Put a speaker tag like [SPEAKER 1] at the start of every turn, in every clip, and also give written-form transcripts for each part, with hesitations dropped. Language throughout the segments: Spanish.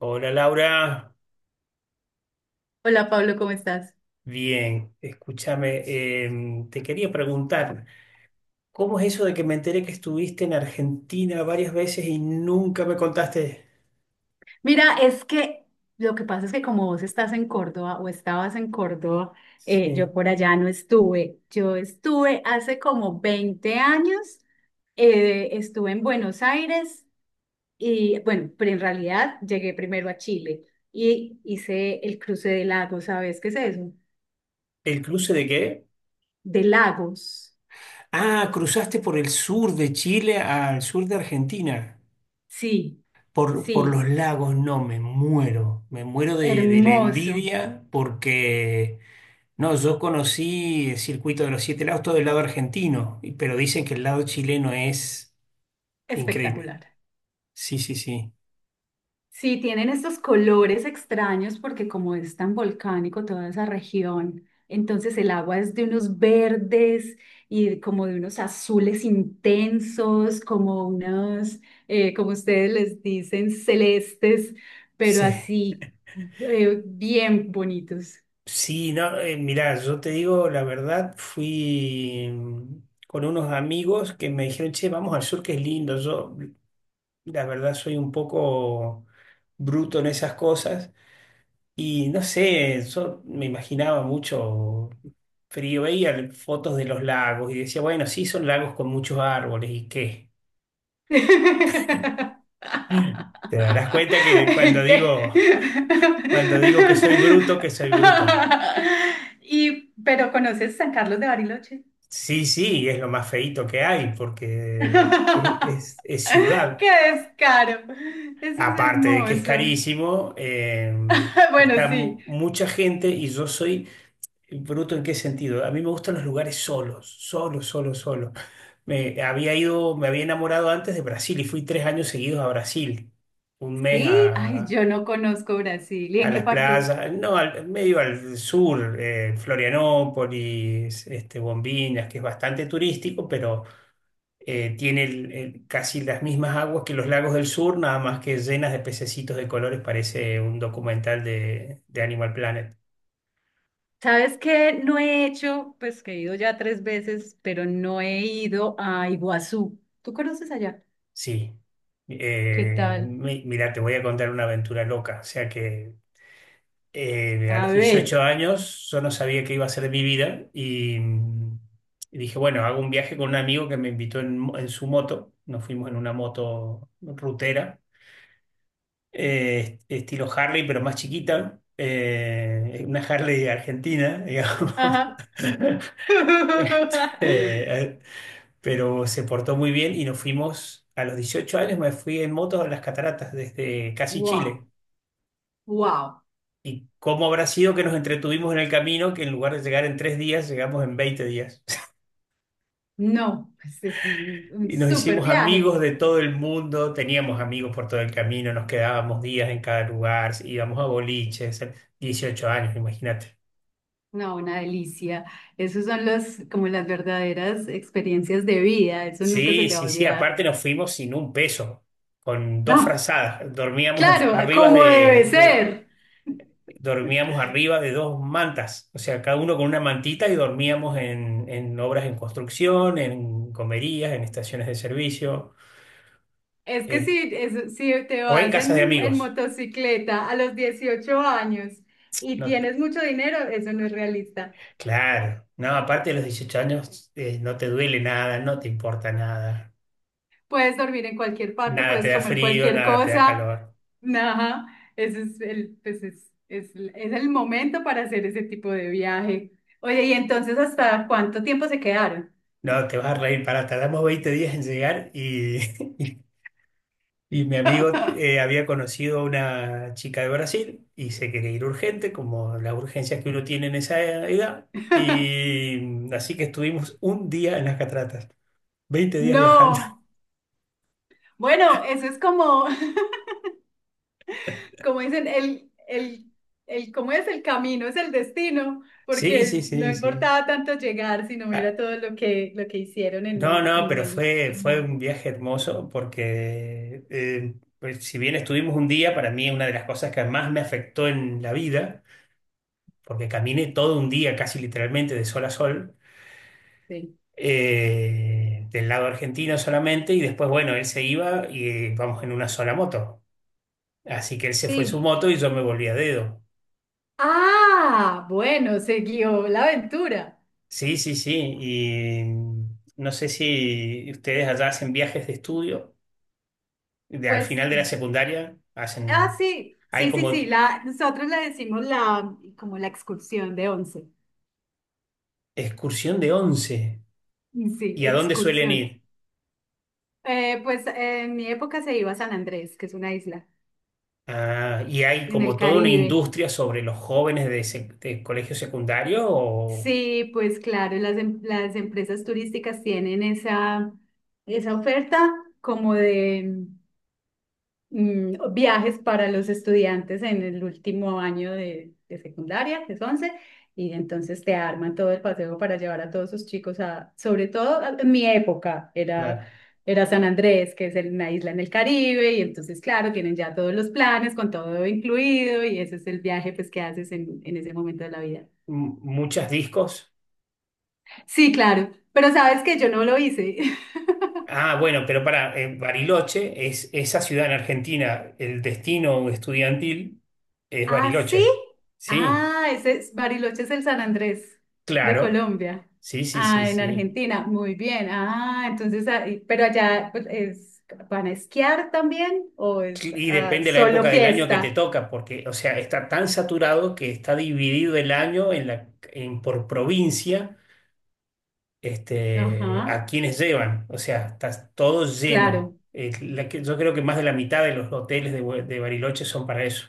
[SPEAKER 1] Hola Laura,
[SPEAKER 2] Hola Pablo, ¿cómo estás?
[SPEAKER 1] bien, escúchame, te quería preguntar, ¿cómo es eso de que me enteré que estuviste en Argentina varias veces y nunca me contaste?
[SPEAKER 2] Mira, es que lo que pasa es que como vos estás en Córdoba o estabas en Córdoba,
[SPEAKER 1] Sí.
[SPEAKER 2] yo por allá no estuve. Yo estuve hace como 20 años, estuve en Buenos Aires y bueno, pero en realidad llegué primero a Chile y hice el cruce de lagos, ¿sabes qué es eso?
[SPEAKER 1] ¿El cruce de qué?
[SPEAKER 2] De lagos.
[SPEAKER 1] Ah, cruzaste por el sur de Chile al sur de Argentina,
[SPEAKER 2] Sí,
[SPEAKER 1] por los
[SPEAKER 2] sí,
[SPEAKER 1] lagos, no, me muero de la
[SPEAKER 2] hermoso,
[SPEAKER 1] envidia porque, no, yo conocí el circuito de los siete lagos, todo el lado argentino, pero dicen que el lado chileno es increíble.
[SPEAKER 2] espectacular.
[SPEAKER 1] Sí, sí, sí.
[SPEAKER 2] Sí, tienen estos colores extraños porque como es tan volcánico toda esa región, entonces el agua es de unos verdes y como de unos azules intensos, como ustedes les dicen, celestes, pero
[SPEAKER 1] Sí,
[SPEAKER 2] así bien bonitos.
[SPEAKER 1] sí, no, mirá, yo te digo la verdad, fui con unos amigos que me dijeron, che, vamos al sur que es lindo. Yo, la verdad, soy un poco bruto en esas cosas y no sé, yo me imaginaba mucho frío, veía fotos de los lagos y decía, bueno, sí, son lagos con muchos árboles y qué. Te darás cuenta que
[SPEAKER 2] ¿Qué?
[SPEAKER 1] cuando digo que soy bruto, que soy bruto.
[SPEAKER 2] Pero ¿conoces San Carlos de Bariloche?
[SPEAKER 1] Sí, sí, es lo más feíto que hay porque es, es-
[SPEAKER 2] ¡Qué
[SPEAKER 1] es ciudad.
[SPEAKER 2] descaro! Eso es
[SPEAKER 1] Aparte de que es
[SPEAKER 2] hermoso.
[SPEAKER 1] carísimo,
[SPEAKER 2] Bueno,
[SPEAKER 1] está
[SPEAKER 2] sí.
[SPEAKER 1] mucha gente y yo soy bruto en qué sentido. A mí me gustan los lugares solos, solo, solo, solo. Me había enamorado antes de Brasil y fui 3 años seguidos a Brasil, un mes
[SPEAKER 2] Sí, ay,
[SPEAKER 1] a,
[SPEAKER 2] yo no conozco Brasil. ¿Y
[SPEAKER 1] a
[SPEAKER 2] en qué
[SPEAKER 1] las
[SPEAKER 2] parte?
[SPEAKER 1] playas, no, medio al sur, Florianópolis, este, Bombinhas, que es bastante turístico, pero tiene casi las mismas aguas que los lagos del sur, nada más que llenas de pececitos de colores, parece un documental de Animal Planet.
[SPEAKER 2] ¿Sabes qué? No he hecho, pues que he ido ya tres veces, pero no he ido a Iguazú. ¿Tú conoces allá?
[SPEAKER 1] Sí.
[SPEAKER 2] ¿Qué
[SPEAKER 1] Eh,
[SPEAKER 2] tal?
[SPEAKER 1] mi- mira, te voy a contar una aventura loca. O sea que a
[SPEAKER 2] A
[SPEAKER 1] los 18
[SPEAKER 2] ver.
[SPEAKER 1] años yo no sabía qué iba a ser de mi vida y, y dije, bueno, hago un viaje con un amigo que me invitó en su moto. Nos fuimos en una moto rutera estilo Harley, pero más chiquita, una Harley argentina, digamos.
[SPEAKER 2] Ajá.
[SPEAKER 1] Eh, pero se portó muy bien y nos fuimos, a los 18 años me fui en moto a las cataratas desde casi
[SPEAKER 2] Wow,
[SPEAKER 1] Chile.
[SPEAKER 2] wow.
[SPEAKER 1] ¿Y cómo habrá sido que nos entretuvimos en el camino, que en lugar de llegar en 3 días, llegamos en 20 días?
[SPEAKER 2] No, pues es un
[SPEAKER 1] Y nos
[SPEAKER 2] súper
[SPEAKER 1] hicimos amigos
[SPEAKER 2] viaje.
[SPEAKER 1] de todo el mundo, teníamos amigos por todo el camino, nos quedábamos días en cada lugar, íbamos a boliches, 18 años, imagínate.
[SPEAKER 2] No, una delicia. Esos son los, como las verdaderas experiencias de vida. Eso nunca se
[SPEAKER 1] Sí,
[SPEAKER 2] te va a
[SPEAKER 1] sí, sí,
[SPEAKER 2] olvidar.
[SPEAKER 1] aparte nos fuimos sin un peso, con dos
[SPEAKER 2] No,
[SPEAKER 1] frazadas, dormíamos en-
[SPEAKER 2] claro, ah,
[SPEAKER 1] arriba
[SPEAKER 2] como debe
[SPEAKER 1] de, de-
[SPEAKER 2] ser.
[SPEAKER 1] dormíamos arriba de dos mantas, o sea, cada uno con una mantita y dormíamos en obras en construcción, en comerías, en estaciones de servicio,
[SPEAKER 2] Es que
[SPEAKER 1] eh,
[SPEAKER 2] si, es- Si te
[SPEAKER 1] o en
[SPEAKER 2] vas
[SPEAKER 1] casas de
[SPEAKER 2] en
[SPEAKER 1] amigos.
[SPEAKER 2] motocicleta a los 18 años y
[SPEAKER 1] No,
[SPEAKER 2] tienes mucho dinero, eso no es realista.
[SPEAKER 1] claro, no, aparte de los 18 años, no te duele nada, no te importa nada,
[SPEAKER 2] Puedes dormir en cualquier parte,
[SPEAKER 1] nada te
[SPEAKER 2] puedes
[SPEAKER 1] da
[SPEAKER 2] comer
[SPEAKER 1] frío,
[SPEAKER 2] cualquier
[SPEAKER 1] nada te da
[SPEAKER 2] cosa.
[SPEAKER 1] calor.
[SPEAKER 2] Ajá, ese es el, pues es el momento para hacer ese tipo de viaje. Oye, ¿y entonces hasta cuánto tiempo se quedaron?
[SPEAKER 1] No, te vas a reír, para tardamos 20 días en llegar y... Y mi amigo había conocido a una chica de Brasil y se quería ir urgente, como las urgencias que uno tiene en esa edad. Y así que estuvimos un día en las cataratas, 20 días viajando.
[SPEAKER 2] No. Bueno, eso es como, como dicen, ¿cómo es el camino? Es el destino,
[SPEAKER 1] Sí, sí,
[SPEAKER 2] porque no
[SPEAKER 1] sí, sí.
[SPEAKER 2] importaba tanto llegar, sino
[SPEAKER 1] Ah,
[SPEAKER 2] mira todo lo que hicieron
[SPEAKER 1] no, no,
[SPEAKER 2] en
[SPEAKER 1] pero
[SPEAKER 2] el
[SPEAKER 1] fue
[SPEAKER 2] camino.
[SPEAKER 1] un viaje hermoso porque pues, si bien estuvimos un día, para mí una de las cosas que más me afectó en la vida, porque caminé todo un día, casi literalmente de sol a sol
[SPEAKER 2] Sí.
[SPEAKER 1] del lado argentino solamente, y después, bueno, él se iba y vamos en una sola moto. Así que él se fue en su
[SPEAKER 2] Sí.
[SPEAKER 1] moto y yo me volví a dedo.
[SPEAKER 2] Ah, bueno, siguió la aventura.
[SPEAKER 1] Sí, sí, sí. Y no sé si ustedes allá hacen viajes de estudio, al
[SPEAKER 2] Pues,
[SPEAKER 1] final de la secundaria,
[SPEAKER 2] ah, sí,
[SPEAKER 1] hay
[SPEAKER 2] sí, sí, sí,
[SPEAKER 1] como
[SPEAKER 2] la, nosotros le decimos la, como la excursión de once.
[SPEAKER 1] excursión de once.
[SPEAKER 2] Sí,
[SPEAKER 1] ¿Y a dónde suelen
[SPEAKER 2] excursión.
[SPEAKER 1] ir?
[SPEAKER 2] En mi época se iba a San Andrés, que es una isla.
[SPEAKER 1] Ah, y hay
[SPEAKER 2] En el
[SPEAKER 1] como toda una
[SPEAKER 2] Caribe.
[SPEAKER 1] industria sobre los jóvenes de colegio secundario o
[SPEAKER 2] Sí, pues claro, las empresas turísticas tienen esa, esa oferta como de viajes para los estudiantes en el último año de secundaria, que es 11, y entonces te arman todo el paseo para llevar a todos sus chicos a, sobre todo a- en mi época, era,
[SPEAKER 1] claro,
[SPEAKER 2] era San Andrés, que es el- una isla en el Caribe, y entonces claro, tienen ya todos los planes con todo incluido, y ese es el viaje pues que haces en ese momento de la vida.
[SPEAKER 1] muchas discos.
[SPEAKER 2] Sí, claro, pero sabes que yo no lo hice.
[SPEAKER 1] Ah, bueno, pero para Bariloche es esa ciudad en Argentina, el destino estudiantil es
[SPEAKER 2] ¿Ah, sí?
[SPEAKER 1] Bariloche. Sí,
[SPEAKER 2] Ah, ese es, Bariloche es el San Andrés de
[SPEAKER 1] claro.
[SPEAKER 2] Colombia.
[SPEAKER 1] Sí, sí, sí,
[SPEAKER 2] Ah, en
[SPEAKER 1] sí.
[SPEAKER 2] Argentina, muy bien. Ah, entonces, ahí- pero allá pues, es, ¿van a esquiar también o es
[SPEAKER 1] Y
[SPEAKER 2] ah,
[SPEAKER 1] depende la
[SPEAKER 2] solo
[SPEAKER 1] época del año que te
[SPEAKER 2] fiesta?
[SPEAKER 1] toca, porque, o sea, está tan saturado que está dividido el año por provincia, este, a
[SPEAKER 2] Ajá,
[SPEAKER 1] quienes llevan. O sea, está todo lleno.
[SPEAKER 2] claro.
[SPEAKER 1] Yo creo que más de la mitad de los hoteles de Bariloche son para eso.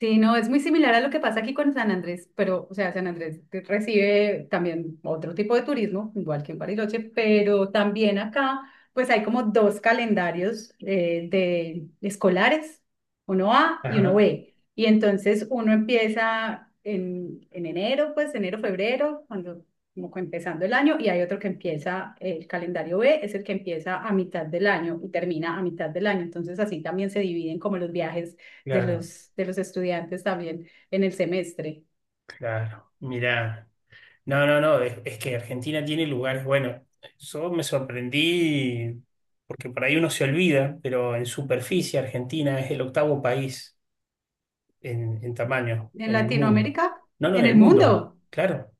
[SPEAKER 2] Sí, no, es muy similar a lo que pasa aquí con San Andrés, pero, o sea, San Andrés te- recibe también otro tipo de turismo, igual que en Bariloche, pero también acá, pues hay como dos calendarios de escolares, uno A y uno
[SPEAKER 1] Ajá,
[SPEAKER 2] B. Y entonces uno empieza en enero, pues enero, febrero, cuando como que empezando el año, y hay otro que empieza, el calendario B es el que empieza a mitad del año y termina a mitad del año. Entonces así también se dividen como los viajes
[SPEAKER 1] claro,
[SPEAKER 2] de los estudiantes también en el semestre.
[SPEAKER 1] claro. Mirá. No, no, no, es que Argentina tiene lugares buenos. Yo me sorprendí porque por ahí uno se olvida, pero en superficie Argentina es el octavo país en tamaño
[SPEAKER 2] En
[SPEAKER 1] en el mundo.
[SPEAKER 2] Latinoamérica,
[SPEAKER 1] No, no,
[SPEAKER 2] en
[SPEAKER 1] en el
[SPEAKER 2] el
[SPEAKER 1] mundo,
[SPEAKER 2] mundo,
[SPEAKER 1] claro.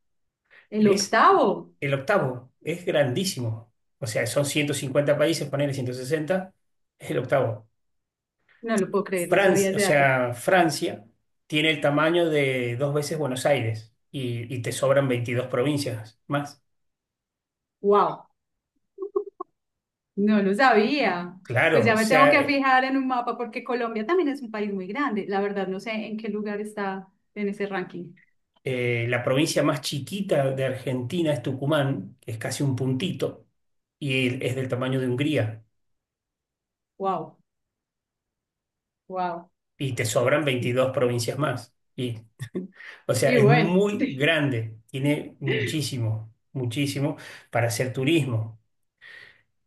[SPEAKER 2] el
[SPEAKER 1] Es
[SPEAKER 2] octavo.
[SPEAKER 1] el octavo, es grandísimo. O sea, son 150 países, ponele 160. Es el octavo.
[SPEAKER 2] No lo puedo creer, no sabía
[SPEAKER 1] Francia, o
[SPEAKER 2] ese dato.
[SPEAKER 1] sea, Francia tiene el tamaño de dos veces Buenos Aires y te sobran 22 provincias más.
[SPEAKER 2] ¡Wow! No lo sabía. Pues
[SPEAKER 1] Claro,
[SPEAKER 2] ya
[SPEAKER 1] o
[SPEAKER 2] me tengo
[SPEAKER 1] sea,
[SPEAKER 2] que fijar en un mapa porque Colombia también es un país muy grande. La verdad, no sé en qué lugar está en ese ranking.
[SPEAKER 1] La provincia más chiquita de Argentina es Tucumán, que es casi un puntito, y es del tamaño de Hungría,
[SPEAKER 2] ¡Wow! ¡Wow!
[SPEAKER 1] y te sobran
[SPEAKER 2] Sí.
[SPEAKER 1] 22 provincias más. Y, o sea,
[SPEAKER 2] Y
[SPEAKER 1] es
[SPEAKER 2] bueno.
[SPEAKER 1] muy grande, tiene muchísimo, muchísimo para hacer turismo.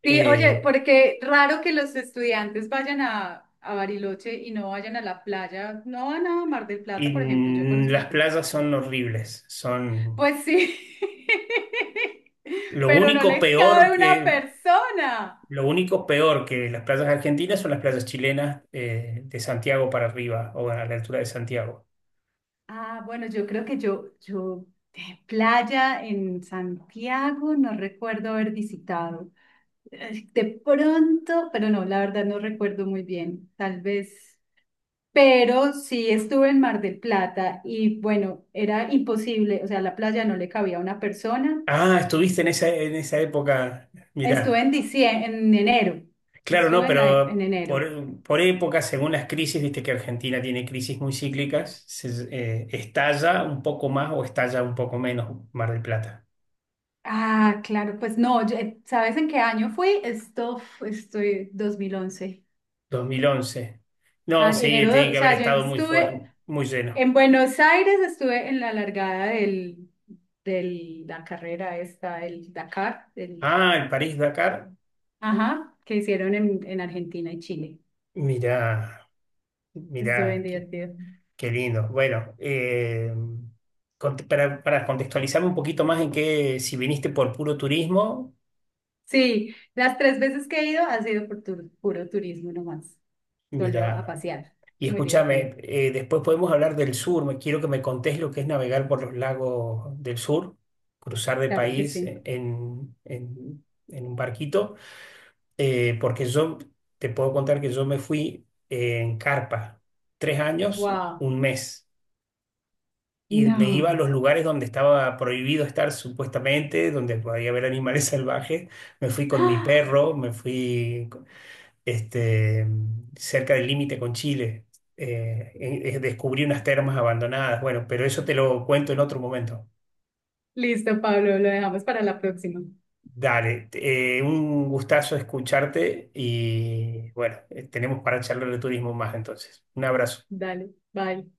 [SPEAKER 2] Sí, oye,
[SPEAKER 1] Eh,
[SPEAKER 2] porque raro que los estudiantes vayan a Bariloche y no vayan a la playa, no van a Mar del
[SPEAKER 1] y
[SPEAKER 2] Plata, por ejemplo, yo conozco
[SPEAKER 1] las
[SPEAKER 2] Mar del Plata.
[SPEAKER 1] playas son horribles, son
[SPEAKER 2] Pues sí,
[SPEAKER 1] lo
[SPEAKER 2] pero no
[SPEAKER 1] único
[SPEAKER 2] les
[SPEAKER 1] peor
[SPEAKER 2] cabe una
[SPEAKER 1] que...
[SPEAKER 2] persona.
[SPEAKER 1] Lo único peor que las playas argentinas son las playas chilenas de Santiago para arriba o a la altura de Santiago.
[SPEAKER 2] Ah, bueno, yo creo que yo, playa en Santiago, no recuerdo haber visitado. De pronto, pero no, la verdad no recuerdo muy bien, tal vez. Pero sí estuve en Mar del Plata y bueno, era imposible, o sea, la playa no le cabía a una persona.
[SPEAKER 1] Ah, estuviste en esa época.
[SPEAKER 2] Estuve
[SPEAKER 1] Mirá,
[SPEAKER 2] en diciembre, en enero,
[SPEAKER 1] claro, no,
[SPEAKER 2] estuve en, la, e- en
[SPEAKER 1] pero
[SPEAKER 2] enero.
[SPEAKER 1] por época, según las crisis, viste que Argentina tiene crisis muy cíclicas, estalla un poco más o estalla un poco menos Mar del Plata.
[SPEAKER 2] Ah, claro, pues no, ¿sabes en qué año fui? Estoy 2011.
[SPEAKER 1] 2011. No,
[SPEAKER 2] Ah,
[SPEAKER 1] sí,
[SPEAKER 2] enero,
[SPEAKER 1] tiene
[SPEAKER 2] o
[SPEAKER 1] que haber
[SPEAKER 2] sea, yo
[SPEAKER 1] estado muy, fue-
[SPEAKER 2] estuve
[SPEAKER 1] muy lleno.
[SPEAKER 2] en Buenos Aires, estuve en la largada del, del, la carrera esta, el Dakar, del,
[SPEAKER 1] Ah, el París-Dakar.
[SPEAKER 2] ajá, que hicieron en Argentina y Chile.
[SPEAKER 1] Mirá,
[SPEAKER 2] Estuve bien
[SPEAKER 1] mirá, qué,
[SPEAKER 2] divertido.
[SPEAKER 1] qué lindo. Bueno, para contextualizarme un poquito más en qué, si viniste por puro turismo,
[SPEAKER 2] Sí, las tres veces que he ido ha sido por tur- puro turismo nomás, solo a
[SPEAKER 1] mirá.
[SPEAKER 2] pasear.
[SPEAKER 1] Y
[SPEAKER 2] Muy divertido,
[SPEAKER 1] escúchame, después podemos hablar del sur. Me quiero que me contés lo que es navegar por los lagos del sur, cruzar de
[SPEAKER 2] claro que
[SPEAKER 1] país
[SPEAKER 2] sí.
[SPEAKER 1] en un barquito, porque yo te puedo contar que yo me fui en carpa 3 años,
[SPEAKER 2] Wow,
[SPEAKER 1] un mes, y me iba a
[SPEAKER 2] no.
[SPEAKER 1] los lugares donde estaba prohibido estar supuestamente, donde podía haber animales salvajes. Me fui con mi perro, me fui este, cerca del límite con Chile. Descubrí unas termas abandonadas. Bueno, pero eso te lo cuento en otro momento.
[SPEAKER 2] Listo, Pablo, lo dejamos para la próxima.
[SPEAKER 1] Dale, un gustazo escucharte y bueno, tenemos para charlar de turismo más entonces. Un abrazo.
[SPEAKER 2] Dale, bye.